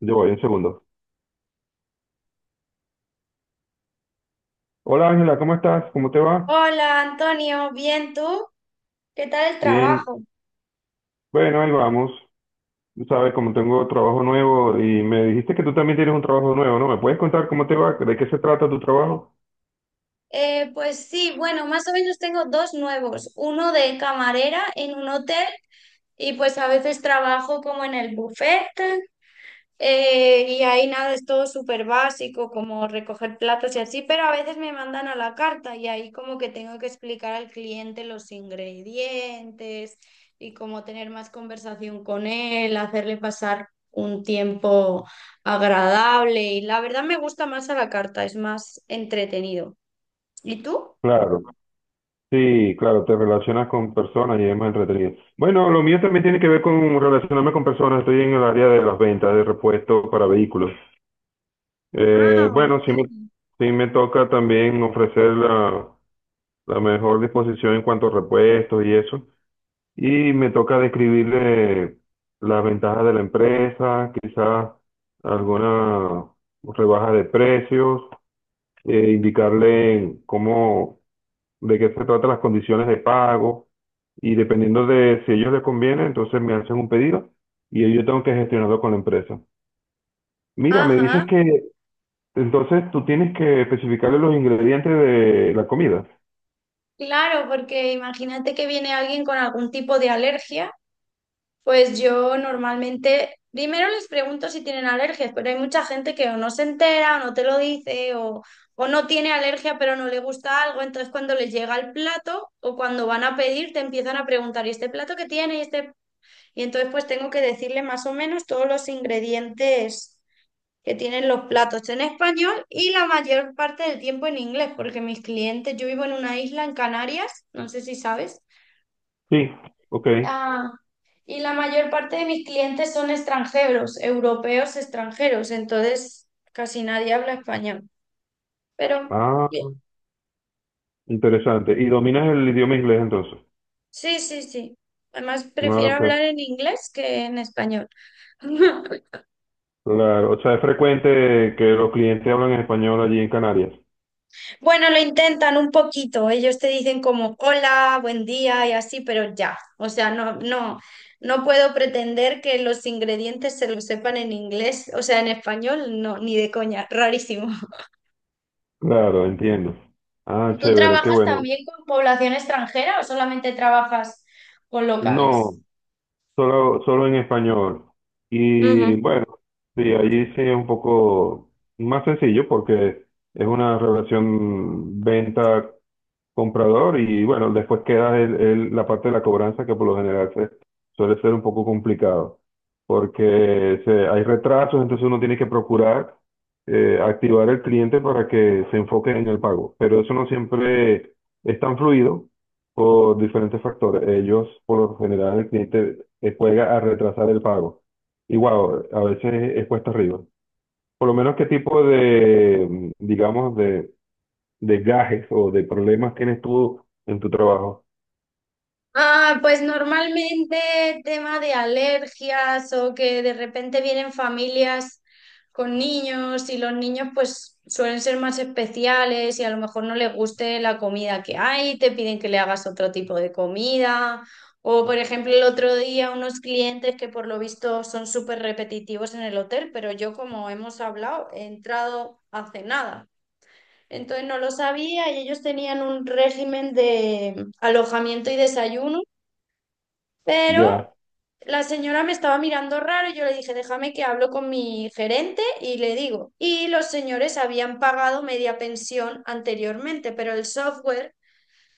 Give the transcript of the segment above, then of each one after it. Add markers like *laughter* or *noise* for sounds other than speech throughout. Yo voy, un segundo. Hola Ángela, ¿cómo estás? ¿Cómo te va? Hola Antonio, ¿bien tú? ¿Qué tal el Bien. trabajo? Bueno, ahí vamos. Tú sabes, como tengo trabajo nuevo y me dijiste que tú también tienes un trabajo nuevo, ¿no? ¿Me puedes contar cómo te va? ¿De qué se trata tu trabajo? Pues sí, bueno, más o menos tengo dos nuevos, uno de camarera en un hotel y pues a veces trabajo como en el buffet. Y ahí nada, es todo súper básico, como recoger platos y así, pero a veces me mandan a la carta y ahí como que tengo que explicar al cliente los ingredientes y como tener más conversación con él, hacerle pasar un tiempo agradable, y la verdad me gusta más a la carta, es más entretenido. ¿Y tú? Claro, sí, claro, te relacionas con personas y es más entretenido. Bueno, lo mío también tiene que ver con relacionarme con personas. Estoy en el área de las ventas de repuestos para vehículos. Ah, Eh, bueno, ok. sí me, sí me toca también ofrecer la mejor disposición en cuanto a repuestos y eso. Y me toca describirle las ventajas de la empresa, quizás alguna rebaja de precios, indicarle cómo, de qué se tratan las condiciones de pago, y dependiendo de si a ellos les conviene, entonces me hacen un pedido y yo tengo que gestionarlo con la empresa. Mira, me Ajá, dices que entonces tú tienes que especificarle los ingredientes de la comida. claro, porque imagínate que viene alguien con algún tipo de alergia. Pues yo normalmente, primero les pregunto si tienen alergias, pero hay mucha gente que o no se entera, o no te lo dice, o no tiene alergia, pero no le gusta algo. Entonces, cuando les llega el plato o cuando van a pedir, te empiezan a preguntar, ¿y este plato qué tiene? Y, este... y entonces, pues tengo que decirle más o menos todos los ingredientes que tienen los platos en español, y la mayor parte del tiempo en inglés, porque mis clientes, yo vivo en una isla en Canarias, no sé si sabes. Sí, ok. Ah, y la mayor parte de mis clientes son extranjeros, europeos extranjeros, entonces casi nadie habla español. Pero Ah, bien, interesante. ¿Y dominas el idioma inglés entonces? sí, sí, sí. Además, Ah, prefiero hablar ok. en inglés que en español. *laughs* Claro, o sea, es frecuente que los clientes hablan en español allí en Canarias. Bueno, lo intentan un poquito. Ellos te dicen como hola, buen día y así, pero ya. O sea, no, no, no puedo pretender que los ingredientes se los sepan en inglés, o sea, en español, no, ni de coña. Rarísimo. Claro, entiendo. Ah, ¿Tú chévere, qué trabajas bueno. también con población extranjera o solamente trabajas con No, locales? Solo en español. Y bueno, sí, allí sí es un poco más sencillo porque es una relación venta comprador, y bueno, después queda la parte de la cobranza que, por lo general, suele ser un poco complicado, porque hay retrasos, entonces uno tiene que procurar activar el cliente para que se enfoque en el pago, pero eso no siempre es tan fluido por diferentes factores. Ellos, por lo general, el cliente juega a retrasar el pago. Y wow, a veces es cuesta arriba. Por lo menos, ¿qué tipo de, digamos, de desgajes o de problemas tienes tú en tu trabajo? Ah, pues normalmente tema de alergias o que de repente vienen familias con niños, y los niños pues suelen ser más especiales y a lo mejor no les guste la comida que hay, te piden que le hagas otro tipo de comida. O por ejemplo el otro día unos clientes que por lo visto son súper repetitivos en el hotel, pero yo como hemos hablado he entrado hace nada. Entonces no lo sabía, y ellos tenían un régimen de alojamiento y desayuno, pero Ya, la señora me estaba mirando raro y yo le dije, déjame que hablo con mi gerente y le digo. Y los señores habían pagado media pensión anteriormente, pero el software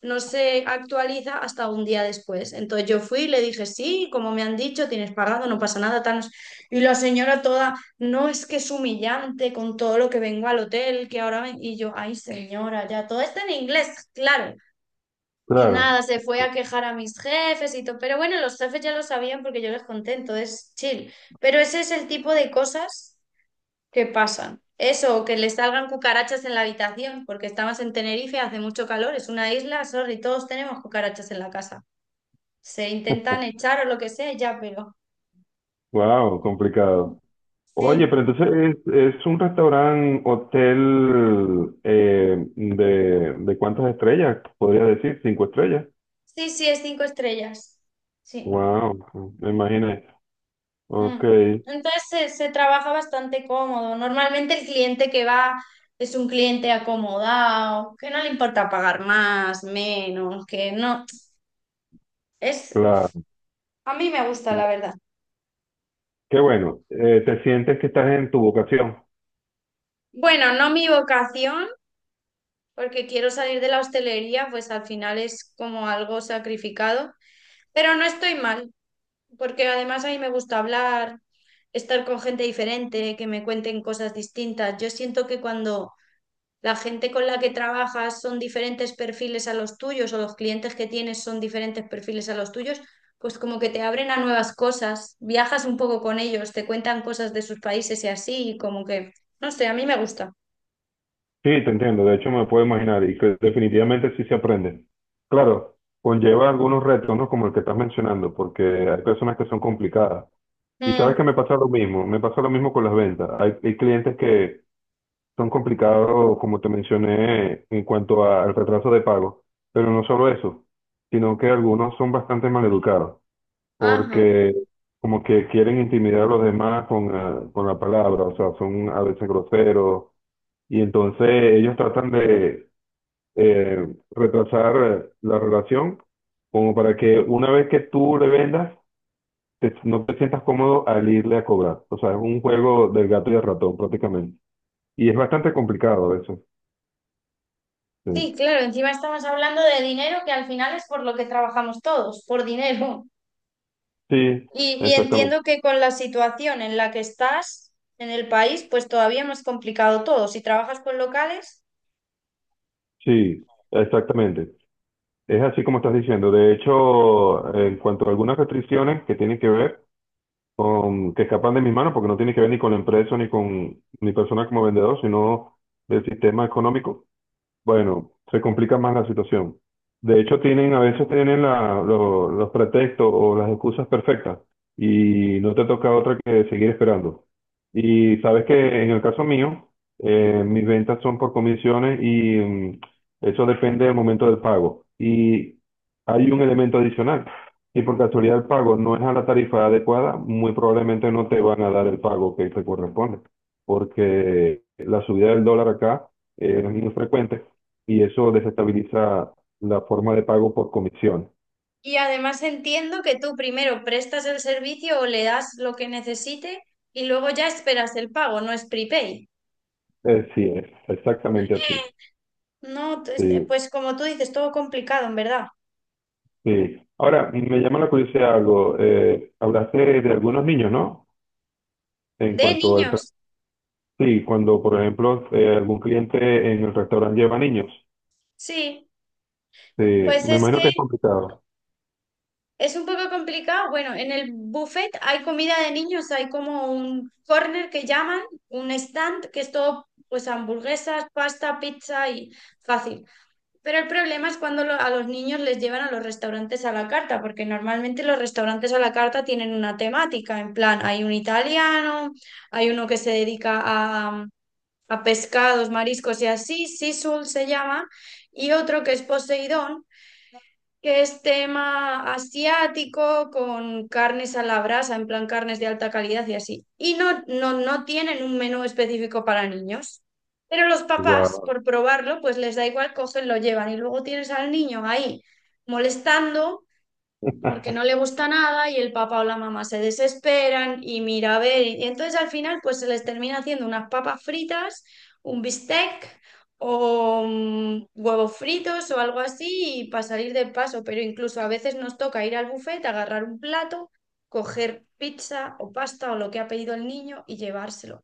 no se actualiza hasta un día después. Entonces yo fui y le dije, sí, como me han dicho, tienes pagado, no pasa nada, tal. No. Y la señora toda, no, es que es humillante con todo lo que vengo al hotel, que ahora... ven-". Y yo, ay señora, ya todo está en inglés, claro. Y nada, claro. se fue a quejar a mis jefes y todo. Pero bueno, los jefes ya lo sabían porque yo les conté, entonces chill. Pero ese es el tipo de cosas que pasan. Eso, o que le salgan cucarachas en la habitación, porque estamos en Tenerife, hace mucho calor, es una isla, sorry, todos tenemos cucarachas en la casa. Se intentan echar o lo que sea, ya, pero. Wow, complicado. Oye, Sí, pero entonces es un restaurante, hotel de cuántas estrellas, podría decir, cinco estrellas. sí, sí, es cinco estrellas. Sí. Wow, me imaginé. Ok, Mm. Entonces se trabaja bastante cómodo. Normalmente el cliente que va es un cliente acomodado, que no le importa pagar más, menos, que no. Es, es- claro. a mí me gusta, la verdad. Qué bueno. Te sientes que estás en tu vocación. Bueno, no mi vocación, porque quiero salir de la hostelería, pues al final es como algo sacrificado, pero no estoy mal, porque además a mí me gusta hablar, estar con gente diferente, que me cuenten cosas distintas. Yo siento que cuando la gente con la que trabajas son diferentes perfiles a los tuyos, o los clientes que tienes son diferentes perfiles a los tuyos, pues como que te abren a nuevas cosas, viajas un poco con ellos, te cuentan cosas de sus países y así, y como que, no sé, a mí me gusta. Sí, te entiendo, de hecho me puedo imaginar, y que definitivamente sí se aprende. Claro, conlleva algunos retos, ¿no? Como el que estás mencionando, porque hay personas que son complicadas. Y sabes que Mm, me pasa lo mismo, me pasa lo mismo con las ventas. Hay clientes que son complicados, como te mencioné, en cuanto a- al retraso de pago, pero no solo eso, sino que algunos son bastante maleducados, ajá. porque como que quieren intimidar a los demás con la palabra, o sea, son a veces groseros. Y entonces ellos tratan de, eh, retrasar la relación, como para que una vez que tú le vendas, te- no te sientas cómodo al irle a cobrar. O sea, es un juego del gato y el ratón prácticamente. Y es bastante complicado eso. Sí, Sí, claro, encima estamos hablando de dinero, que al final es por lo que trabajamos todos, por dinero. sí, Y entiendo exactamente. que con la situación en la que estás en el país, pues todavía más complicado todo. Si trabajas con locales, Sí, exactamente. Es así como estás diciendo. De hecho, en cuanto a algunas restricciones que tienen que ver con, que escapan de mis manos, porque no tiene que ver ni con la empresa, ni con mi persona como vendedor, sino del sistema económico. Bueno, se complica más la situación. De hecho, tienen, a veces tienen la- lo- los pretextos o las excusas perfectas y no te toca otra que seguir esperando. Y sabes que en el caso mío, mis ventas son por comisiones y mm, eso depende del momento del pago. Y hay un elemento adicional. Si por casualidad el pago no es a la tarifa adecuada, muy probablemente no te van a dar el pago que te corresponde, porque la subida del dólar acá es muy frecuente y eso desestabiliza la forma de pago por comisión. y además entiendo que tú primero prestas el servicio o le das lo que necesite y luego ya esperas el pago, no es prepay. Sí, es exactamente así. No, este, Sí, pues como tú dices, todo complicado, en verdad. sí. Ahora, me llama la curiosidad algo. Hablaste de algunos niños, ¿no? En De cuanto al... tra- niños, Sí, cuando, por ejemplo, algún cliente en el restaurante lleva niños. sí. Sí, Pues me es que imagino que es complicado. es un poco complicado. Bueno, en el buffet hay comida de niños, hay como un corner que llaman, un stand, que es todo, pues hamburguesas, pasta, pizza y fácil. Pero el problema es cuando a los niños les llevan a los restaurantes a la carta, porque normalmente los restaurantes a la carta tienen una temática, en plan, hay un italiano, hay uno que se dedica a pescados, mariscos y así, Sisul se llama, y otro que es Poseidón, que es tema asiático con carnes a la brasa, en plan carnes de alta calidad y así. Y no, no, no tienen un menú específico para niños. Pero los papás, Guau. por probarlo, pues les da igual, cogen, lo llevan. Y luego tienes al niño ahí molestando porque no le *laughs* gusta nada y el papá o la mamá se desesperan y mira, a ver, y entonces al final pues se les termina haciendo unas papas fritas, un bistec o huevos fritos o algo así y para salir del paso, pero incluso a veces nos toca ir al buffet, agarrar un plato, coger pizza o pasta o lo que ha pedido el niño y llevárselo.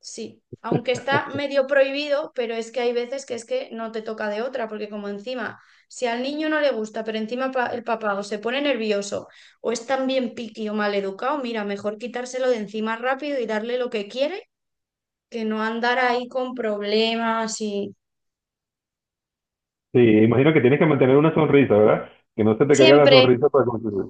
Sí, aunque está medio prohibido, pero es que hay veces que es que no te toca de otra, porque como encima si al niño no le gusta, pero encima el papá o se pone nervioso o es también piqui o maleducado, mira, mejor quitárselo de encima rápido y darle lo que quiere, que no andar ahí con problemas y Sí, imagino que tienes que mantener una sonrisa, ¿verdad? Que no se te caiga la siempre. sonrisa para continuar.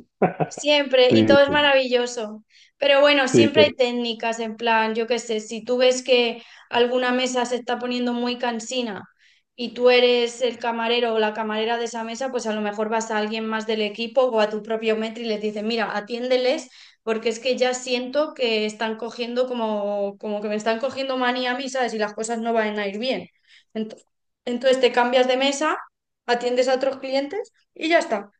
Siempre, Sí, y todo es maravilloso. Pero bueno, sí, siempre hay sí, técnicas, en plan, yo qué sé, si tú ves que alguna mesa se está poniendo muy cansina y tú eres el camarero o la camarera de esa mesa, pues a lo mejor vas a alguien más del equipo o a tu propio metro y les dices, mira, atiéndeles porque es que ya siento que están cogiendo como, como que me están cogiendo manía a mí, ¿sabes? Y las cosas no van a ir bien. Ento- Entonces, te cambias de mesa, atiendes a otros clientes y ya está.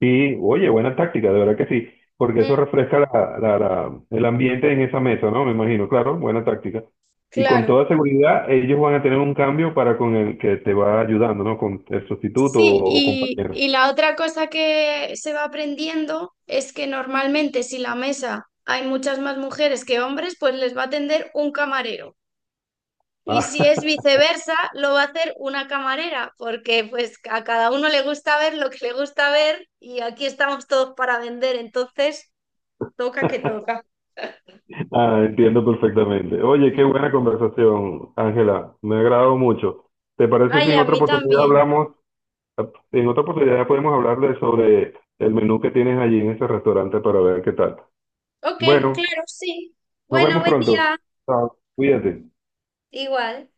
sí, oye, buena táctica, de verdad que sí, porque eso Mm, refresca el ambiente en esa mesa, ¿no? Me imagino, claro, buena táctica. Y con claro. toda seguridad, ellos van a tener un cambio para con el que te va ayudando, ¿no? Con el sustituto Sí, o, y, compañero. y la otra cosa que se va aprendiendo es que normalmente si la mesa hay muchas más mujeres que hombres, pues les va a atender un camarero. Y Ah, si es *laughs* viceversa, lo va a hacer una camarera, porque pues a cada uno le gusta ver lo que le gusta ver y aquí estamos todos para vender, entonces toca que toca. ah, entiendo perfectamente. Oye, qué buena conversación, Ángela, me ha agradado mucho. ¿Te parece si Ay, en a otra mí oportunidad también. hablamos, ¿En otra oportunidad podemos hablar de sobre el menú que tienes allí en ese restaurante para ver qué tal? Ok, Bueno. claro, sí. Nos Bueno, vemos buen pronto. día. Chao. Cuídate. Igual.